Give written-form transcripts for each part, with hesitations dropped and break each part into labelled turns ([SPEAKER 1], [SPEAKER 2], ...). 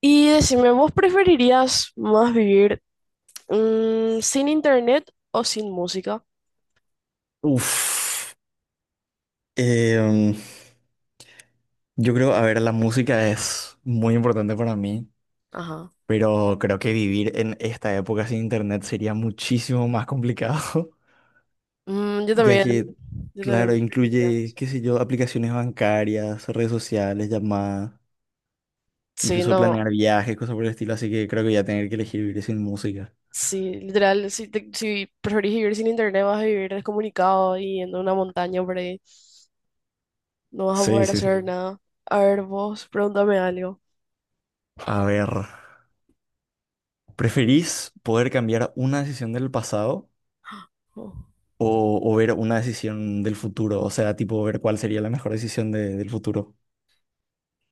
[SPEAKER 1] Y decime, ¿vos preferirías más vivir sin internet o sin música?
[SPEAKER 2] Uf, em, yo creo, a ver, la música es muy importante para mí,
[SPEAKER 1] Ajá.
[SPEAKER 2] pero creo que vivir en esta época sin internet sería muchísimo más complicado,
[SPEAKER 1] Mm,
[SPEAKER 2] ya que,
[SPEAKER 1] yo también
[SPEAKER 2] claro,
[SPEAKER 1] preferiría
[SPEAKER 2] incluye,
[SPEAKER 1] eso.
[SPEAKER 2] qué sé yo, aplicaciones bancarias, redes sociales, llamadas,
[SPEAKER 1] Sí,
[SPEAKER 2] incluso
[SPEAKER 1] no,
[SPEAKER 2] planear viajes, cosas por el estilo, así que creo que voy a tener que elegir vivir sin música.
[SPEAKER 1] sí, literal, si, si preferís vivir sin internet vas a vivir descomunicado y en una montaña por ahí, no vas a
[SPEAKER 2] Sí,
[SPEAKER 1] poder
[SPEAKER 2] sí,
[SPEAKER 1] hacer
[SPEAKER 2] sí.
[SPEAKER 1] nada. A ver, vos, pregúntame algo.
[SPEAKER 2] A ver, ¿preferís poder cambiar una decisión del pasado?
[SPEAKER 1] Oh.
[SPEAKER 2] O ver una decisión del futuro, o sea, tipo ver cuál sería la mejor decisión de- del futuro.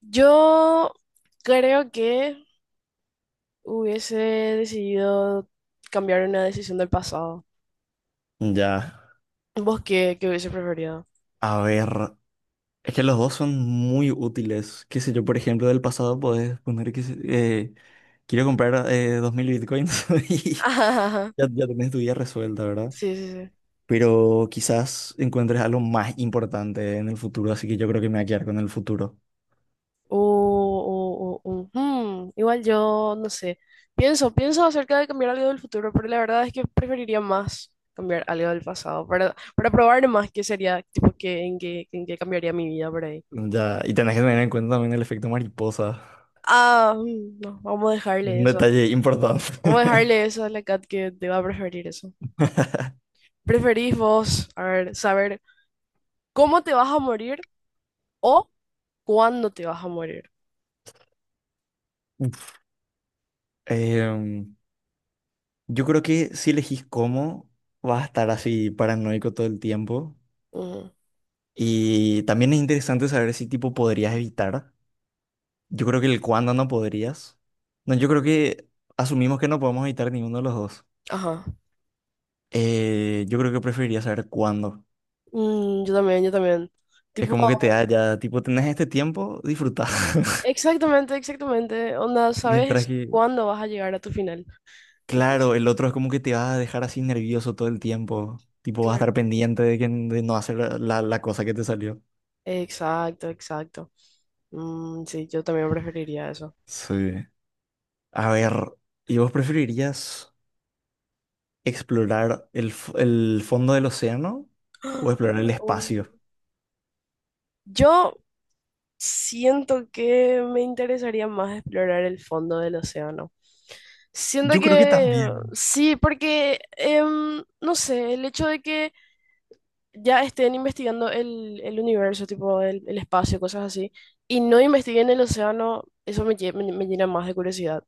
[SPEAKER 1] Yo creo que hubiese decidido cambiar una decisión del pasado.
[SPEAKER 2] Ya,
[SPEAKER 1] ¿Vos qué, qué hubiese preferido?
[SPEAKER 2] a ver, es que los dos son muy útiles. Qué sé yo, por ejemplo, del pasado podés poner quiero comprar 2000 bitcoins y ya tenés tu vida resuelta, ¿verdad?
[SPEAKER 1] Sí, sí, sí.
[SPEAKER 2] Pero quizás encuentres algo más importante en el futuro, así que yo creo que me voy a quedar con el futuro.
[SPEAKER 1] Igual yo, no sé. Pienso acerca de cambiar algo del futuro, pero la verdad es que preferiría más cambiar algo del pasado para probar más qué sería, tipo, qué, en qué cambiaría mi vida por ahí.
[SPEAKER 2] Ya, y tenés que tener en cuenta también el efecto mariposa,
[SPEAKER 1] Ah, mm, no, vamos a dejarle
[SPEAKER 2] un
[SPEAKER 1] eso.
[SPEAKER 2] detalle importante.
[SPEAKER 1] Vamos a dejarle eso a la cat que te va a preferir eso. ¿Preferís vos, a ver, saber cómo te vas a morir o cuándo te vas a morir?
[SPEAKER 2] Uf. em, Yo creo que si elegís cómo, vas a estar así paranoico todo el tiempo.
[SPEAKER 1] Mm,
[SPEAKER 2] Y también es interesante saber si tipo podrías evitar. Yo creo que el cuándo no podrías. No, yo creo que asumimos que no podemos evitar ninguno de los dos.
[SPEAKER 1] ajá.
[SPEAKER 2] Yo creo que preferiría saber cuándo.
[SPEAKER 1] Mm, yo también, yo también.
[SPEAKER 2] Es
[SPEAKER 1] Tipo.
[SPEAKER 2] como que te da ya, tipo, tenés este tiempo, disfruta.
[SPEAKER 1] Exactamente, exactamente. Onda,
[SPEAKER 2] Mientras
[SPEAKER 1] sabes
[SPEAKER 2] que,
[SPEAKER 1] cuándo vas a llegar a tu final. Entonces,
[SPEAKER 2] claro, el otro es como que te va a dejar así nervioso todo el tiempo. Tipo, vas a estar
[SPEAKER 1] claro.
[SPEAKER 2] pendiente de, que, de no hacer la, la cosa que te salió.
[SPEAKER 1] Exacto, exacto. Mm, sí, yo también preferiría eso.
[SPEAKER 2] Sí. A ver, ¿y vos preferirías explorar el fondo del océano o explorar el
[SPEAKER 1] Oh.
[SPEAKER 2] espacio?
[SPEAKER 1] Yo siento que me interesaría más explorar el fondo del océano. Siento
[SPEAKER 2] Yo creo que
[SPEAKER 1] que
[SPEAKER 2] también.
[SPEAKER 1] sí, porque no sé, el hecho de que ya estén investigando el universo, tipo el espacio, cosas así, y no investiguen el océano, eso me llena más de curiosidad.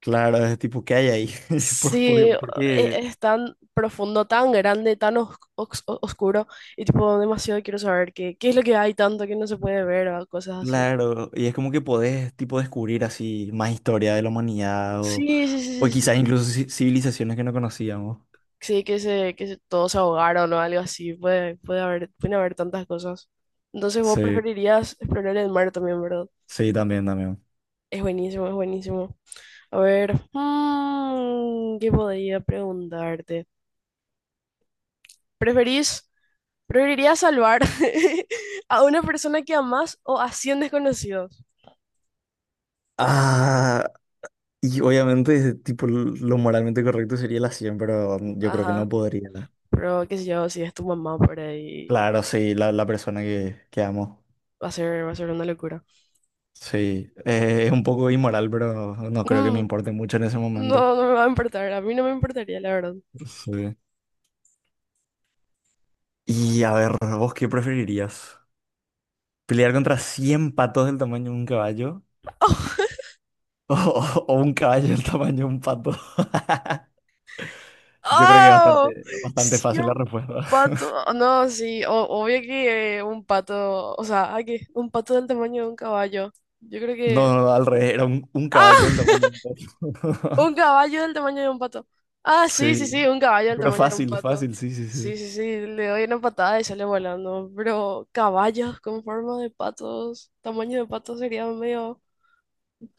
[SPEAKER 2] Claro, es tipo, ¿qué hay ahí?
[SPEAKER 1] Sí,
[SPEAKER 2] Por-
[SPEAKER 1] e-
[SPEAKER 2] Porque,
[SPEAKER 1] es tan profundo, tan grande, tan oscuro, y tipo demasiado quiero saber qué, qué es lo que hay tanto que no se puede ver o cosas así.
[SPEAKER 2] claro, y es como que podés, tipo, descubrir así más historia de la humanidad
[SPEAKER 1] Sí, sí,
[SPEAKER 2] o
[SPEAKER 1] sí, sí.
[SPEAKER 2] quizás
[SPEAKER 1] Sí,
[SPEAKER 2] incluso civilizaciones que no conocíamos.
[SPEAKER 1] sí, que se, todos se ahogaron o algo así, puede, puede haber, pueden haber tantas cosas. Entonces vos
[SPEAKER 2] Sí,
[SPEAKER 1] preferirías explorar el mar también, ¿verdad?
[SPEAKER 2] sí, también, también.
[SPEAKER 1] Es buenísimo, es buenísimo. A ver, mm, ¿qué podría preguntarte? ¿Preferís, ¿preferirías salvar a una persona que amás o a 100 desconocidos?
[SPEAKER 2] Ah, y obviamente, tipo, lo moralmente correcto sería la 100 pero yo creo que no
[SPEAKER 1] Ajá,
[SPEAKER 2] podría.
[SPEAKER 1] pero qué sé yo, si es tu mamá por ahí,
[SPEAKER 2] Claro, sí, la persona que amo.
[SPEAKER 1] va a ser una locura.
[SPEAKER 2] Sí, es un poco inmoral, pero no creo que me
[SPEAKER 1] Mm,
[SPEAKER 2] importe mucho en ese momento.
[SPEAKER 1] no, no me va a importar, a mí no me importaría, la verdad.
[SPEAKER 2] Sí. Y a ver, ¿vos qué preferirías? ¿Pelear contra 100 patos del tamaño de un caballo?
[SPEAKER 1] ¡Oh!
[SPEAKER 2] ¿O, o un caballo del tamaño de un pato? Yo creo que es
[SPEAKER 1] ¡Oh!
[SPEAKER 2] bastante, bastante
[SPEAKER 1] Sí,
[SPEAKER 2] fácil la
[SPEAKER 1] un
[SPEAKER 2] respuesta.
[SPEAKER 1] pato. Oh, no, sí, obvio que un pato, o sea, ay, que un pato del tamaño de un caballo. Yo creo
[SPEAKER 2] No,
[SPEAKER 1] que...
[SPEAKER 2] no, no, al revés, era un
[SPEAKER 1] ¡Ah!
[SPEAKER 2] caballo del tamaño de un pato.
[SPEAKER 1] Un caballo del tamaño de un pato. Ah, sí, sí, sí,
[SPEAKER 2] Sí,
[SPEAKER 1] un caballo del
[SPEAKER 2] pero
[SPEAKER 1] tamaño de un
[SPEAKER 2] fácil,
[SPEAKER 1] pato.
[SPEAKER 2] fácil, sí, sí, sí.
[SPEAKER 1] Sí, sí, sí, le doy una patada y sale volando. Pero caballos con forma de patos, tamaño de pato sería medio,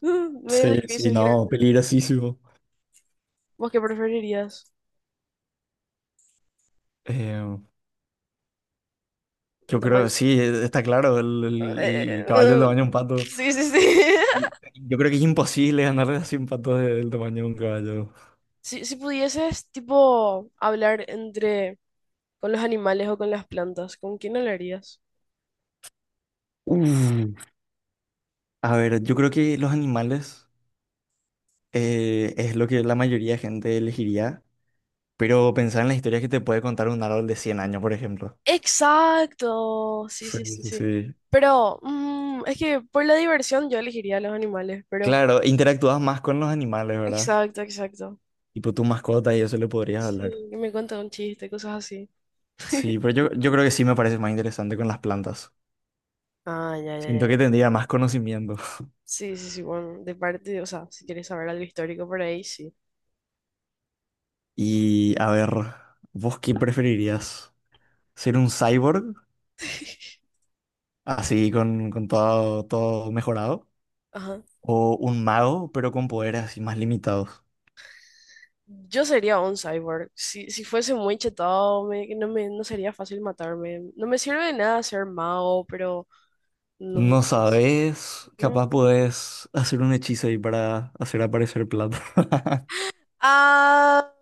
[SPEAKER 1] medio
[SPEAKER 2] Sí, sí,
[SPEAKER 1] difícil, creo.
[SPEAKER 2] no, peligrosísimo.
[SPEAKER 1] ¿Vos qué preferirías?
[SPEAKER 2] Eh,
[SPEAKER 1] El
[SPEAKER 2] yo creo,
[SPEAKER 1] tamaño.
[SPEAKER 2] sí, está claro, el,
[SPEAKER 1] Eh,
[SPEAKER 2] el- el caballo del
[SPEAKER 1] eh,
[SPEAKER 2] tamaño de un pato.
[SPEAKER 1] sí, sí, sí.
[SPEAKER 2] Y- Yo creo que es imposible ganarle a 100 patas de- del tamaño de un caballo.
[SPEAKER 1] Si, si pudieses, tipo, hablar entre con los animales o con las plantas, ¿con quién hablarías?
[SPEAKER 2] Uf. A ver, yo creo que los animales es lo que la mayoría de gente elegiría, pero pensar en las historias que te puede contar un árbol de 100 años, por ejemplo.
[SPEAKER 1] Exacto, sí,
[SPEAKER 2] Sí,
[SPEAKER 1] sí, sí,
[SPEAKER 2] sí,
[SPEAKER 1] sí.
[SPEAKER 2] sí.
[SPEAKER 1] Pero mm, es que por la diversión yo elegiría los animales, pero...
[SPEAKER 2] Claro, interactúas más con los animales, ¿verdad?
[SPEAKER 1] Exacto, exacto.
[SPEAKER 2] Tipo tu mascota y eso le podrías
[SPEAKER 1] Sí,
[SPEAKER 2] hablar.
[SPEAKER 1] que me cuenta un chiste, cosas así.
[SPEAKER 2] Sí, pero yo creo que sí me parece más interesante con las plantas.
[SPEAKER 1] Ah, ya, ya,
[SPEAKER 2] Siento
[SPEAKER 1] ya.
[SPEAKER 2] que tendría más conocimiento.
[SPEAKER 1] Sí, sí, sí, bueno, de parte, o sea, si quieres saber algo histórico por ahí, sí.
[SPEAKER 2] Y a ver, ¿vos qué preferirías? ¿Ser un cyborg? Así con todo, todo mejorado,
[SPEAKER 1] Ajá.
[SPEAKER 2] o un mago, pero con poderes así más limitados.
[SPEAKER 1] Yo sería un cyborg. Si, si fuese muy chetado, no sería fácil matarme. No me sirve de nada ser mago, pero no, no
[SPEAKER 2] No
[SPEAKER 1] sé.
[SPEAKER 2] sabes, capaz
[SPEAKER 1] Mm.
[SPEAKER 2] podés hacer un hechizo ahí para hacer aparecer plata.
[SPEAKER 1] Ah,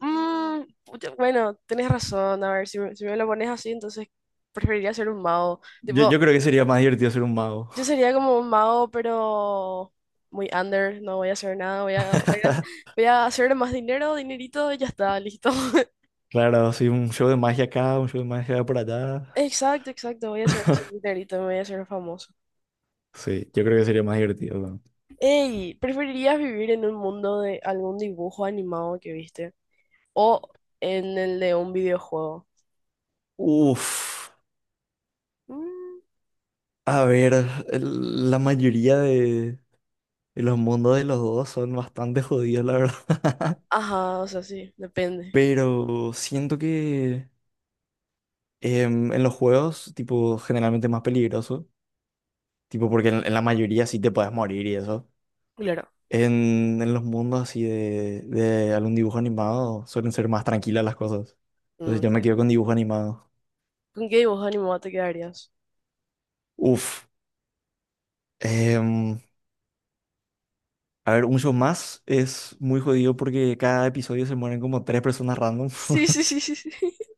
[SPEAKER 1] mm, pucha, bueno, tenés razón. A ver, si, me si me lo pones así, entonces preferiría ser un mago.
[SPEAKER 2] Yo
[SPEAKER 1] Tipo,
[SPEAKER 2] creo que sería más divertido ser un mago.
[SPEAKER 1] yo sería como un mago, pero muy under. No voy a hacer nada. Voy a, voy a, voy a hacer más dinero, dinerito, y ya está, listo.
[SPEAKER 2] Claro, así un show de magia acá, un show de magia por allá.
[SPEAKER 1] Exacto, exacto. Voy a hacer así dinerito, me voy a hacer famoso.
[SPEAKER 2] Sí, yo creo que sería más divertido. ¿No?
[SPEAKER 1] Ey, ¿preferirías vivir en un mundo de algún dibujo animado que viste? ¿O en el de un videojuego?
[SPEAKER 2] Uf,
[SPEAKER 1] Mm,
[SPEAKER 2] a ver, la mayoría de los mundos de los dos son bastante jodidos, la verdad.
[SPEAKER 1] ajá, o sea, sí, depende.
[SPEAKER 2] Pero siento que en los juegos, tipo, generalmente es más peligroso, tipo, porque en, la mayoría sí te puedes morir y eso.
[SPEAKER 1] Claro.
[SPEAKER 2] en los mundos así de algún dibujo animado suelen ser más tranquilas las cosas. Entonces
[SPEAKER 1] Mm,
[SPEAKER 2] yo
[SPEAKER 1] sí.
[SPEAKER 2] me quedo con dibujo animado.
[SPEAKER 1] ¿Con qué dibujo animado te quedarías?
[SPEAKER 2] Uf. em, a ver, un show más es muy jodido porque cada episodio se mueren como tres personas random.
[SPEAKER 1] Sí, sí, sí, sí, sí.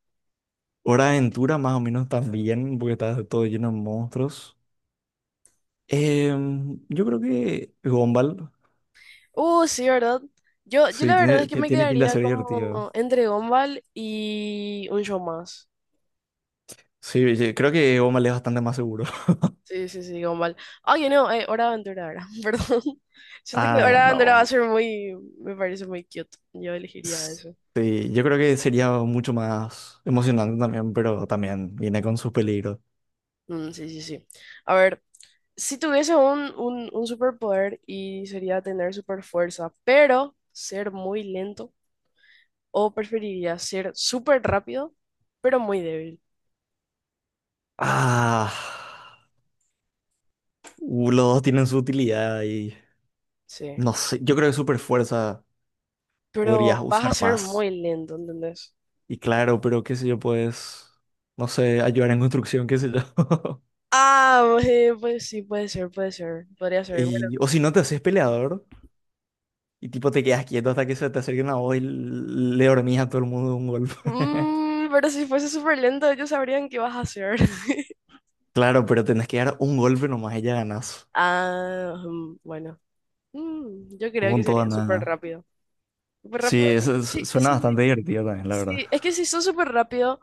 [SPEAKER 2] Hora de Aventura más o menos también, porque está todo lleno de monstruos. Yo creo que Gumball,
[SPEAKER 1] Sí, ¿verdad? Yo
[SPEAKER 2] sí,
[SPEAKER 1] la verdad es que me
[SPEAKER 2] tiene pinta de
[SPEAKER 1] quedaría
[SPEAKER 2] ser divertido.
[SPEAKER 1] como entre Gumball y un show más.
[SPEAKER 2] Sí, yo creo que Omal es bastante más seguro.
[SPEAKER 1] Sí, sí, sí, Gumball. Ay, no, Hora de Aventura ahora, perdón. Siento que Hora
[SPEAKER 2] Ah,
[SPEAKER 1] de Aventura va a
[SPEAKER 2] no.
[SPEAKER 1] ser muy, me parece muy cute. Yo elegiría eso.
[SPEAKER 2] Sí, yo creo que sería mucho más emocionante también, pero también viene con sus peligros.
[SPEAKER 1] Mm, sí, sí, sí. A ver, si tuviese un superpoder y sería tener super fuerza, pero ser muy lento. ¿O preferirías ser súper rápido, pero muy débil?
[SPEAKER 2] Ah, los dos tienen su utilidad y
[SPEAKER 1] Sí.
[SPEAKER 2] no sé, yo creo que super fuerza podrías
[SPEAKER 1] Pero vas
[SPEAKER 2] usar
[SPEAKER 1] a ser
[SPEAKER 2] más.
[SPEAKER 1] muy lento, ¿entendés?
[SPEAKER 2] Y claro, pero qué sé yo, pues, no sé, ayudar en construcción, qué sé yo.
[SPEAKER 1] Ah, pues sí, puede ser, puede ser. Podría ser, bueno.
[SPEAKER 2] Y, o si no te haces peleador y tipo te quedas quieto hasta que se te acerquen a vos y le dormís a todo el mundo de un golpe.
[SPEAKER 1] Mm, pero si fuese súper lento, ellos sabrían qué vas a hacer.
[SPEAKER 2] Claro, pero tenés que dar un golpe nomás y ya ganás.
[SPEAKER 1] Ah, mm, bueno. Mm, yo creo que
[SPEAKER 2] Con toda
[SPEAKER 1] sería
[SPEAKER 2] nada.
[SPEAKER 1] súper rápido. Súper
[SPEAKER 2] Sí,
[SPEAKER 1] rápido.
[SPEAKER 2] eso es-
[SPEAKER 1] Sí,
[SPEAKER 2] suena
[SPEAKER 1] sí,
[SPEAKER 2] bastante divertido también, la verdad.
[SPEAKER 1] sí. Es que si sos súper rápido,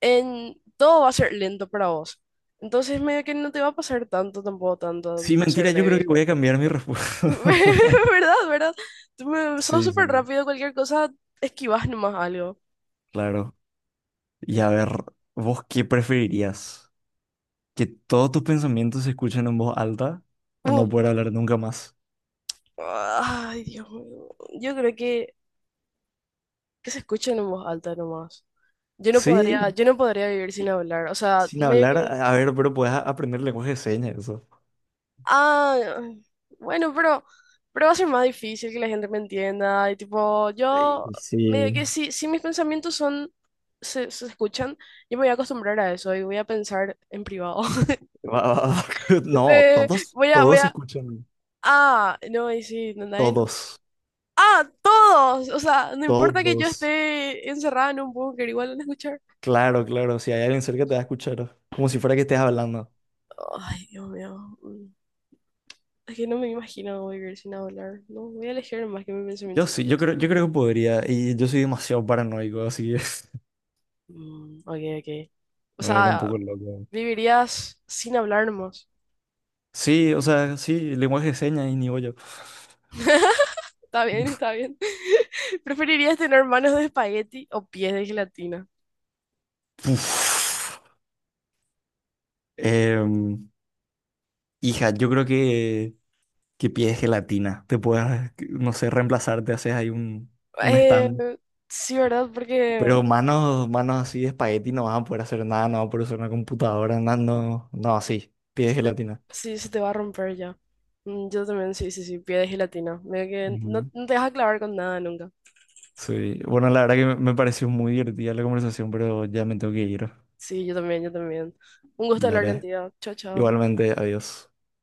[SPEAKER 1] en... todo va a ser lento para vos. Entonces, medio que no te va a pasar tanto, tampoco tanto
[SPEAKER 2] Sí,
[SPEAKER 1] por
[SPEAKER 2] mentira,
[SPEAKER 1] ser
[SPEAKER 2] yo creo que
[SPEAKER 1] débil.
[SPEAKER 2] voy a cambiar mi respuesta.
[SPEAKER 1] ¿Verdad? ¿Verdad? Sos
[SPEAKER 2] Sí,
[SPEAKER 1] súper
[SPEAKER 2] sí,
[SPEAKER 1] rápido, cualquier cosa, esquivas nomás algo.
[SPEAKER 2] claro. Y
[SPEAKER 1] Like,
[SPEAKER 2] a ver, ¿vos qué preferirías? ¿Que todos tus pensamientos se escuchen en voz alta o
[SPEAKER 1] uh,
[SPEAKER 2] no poder hablar nunca más?
[SPEAKER 1] ay, Dios mío. Yo creo que se escuchen en voz alta nomás.
[SPEAKER 2] Sí,
[SPEAKER 1] Yo no podría vivir sin hablar. O sea,
[SPEAKER 2] sin
[SPEAKER 1] medio
[SPEAKER 2] hablar,
[SPEAKER 1] que.
[SPEAKER 2] a ver, pero puedes aprender lenguaje de señas, eso.
[SPEAKER 1] Ah, bueno, pero va a ser más difícil que la gente me entienda. Y tipo,
[SPEAKER 2] Ey,
[SPEAKER 1] yo medio
[SPEAKER 2] sí.
[SPEAKER 1] que si, si mis pensamientos son, se escuchan, yo me voy a acostumbrar a eso y voy a pensar en privado.
[SPEAKER 2] Va. No, todos,
[SPEAKER 1] Voy a, voy
[SPEAKER 2] todos se
[SPEAKER 1] a,
[SPEAKER 2] escuchan,
[SPEAKER 1] ah, no, y sí, no, nadie.
[SPEAKER 2] todos,
[SPEAKER 1] Ah, todos. O sea, no importa que yo
[SPEAKER 2] todos.
[SPEAKER 1] esté encerrada en un búnker, igual van a escuchar.
[SPEAKER 2] Claro, claro, si hay alguien cerca te va a escuchar, como si fuera que estés hablando.
[SPEAKER 1] Ay, Dios mío. Mm. Es que no me imagino vivir sin hablar. No, voy a elegir más que mi pensamiento.
[SPEAKER 2] Yo sí, yo creo que podría, y yo soy demasiado paranoico, así que
[SPEAKER 1] Mm, ok, ok. O
[SPEAKER 2] me volver un
[SPEAKER 1] sea,
[SPEAKER 2] poco loco.
[SPEAKER 1] vivirías sin hablar nomás.
[SPEAKER 2] Sí, o sea, sí, lenguaje de señas y ni bollo.
[SPEAKER 1] Está bien, está bien. ¿Preferirías tener manos de espagueti o pies de gelatina?
[SPEAKER 2] Uf. Em, hija, yo creo que pides gelatina, te puedes, no sé, reemplazar, te haces ahí un, stand.
[SPEAKER 1] Eh, sí, ¿verdad? Porque
[SPEAKER 2] Pero manos, manos así de espagueti no vas a poder hacer nada, no vas a poder usar una computadora, nada, no, no, así, pides gelatina.
[SPEAKER 1] sí, se te va a romper ya. Mm, yo también, sí, sí, sí, pie de gelatina. Medio que no,
[SPEAKER 2] Ujú.
[SPEAKER 1] no te vas a clavar con nada nunca.
[SPEAKER 2] Sí, bueno, la verdad que me pareció muy divertida la conversación, pero ya me tengo que ir.
[SPEAKER 1] Sí, yo también, yo también. Un gusto hablar
[SPEAKER 2] Dale,
[SPEAKER 1] contigo. Chao, chao.
[SPEAKER 2] igualmente, adiós.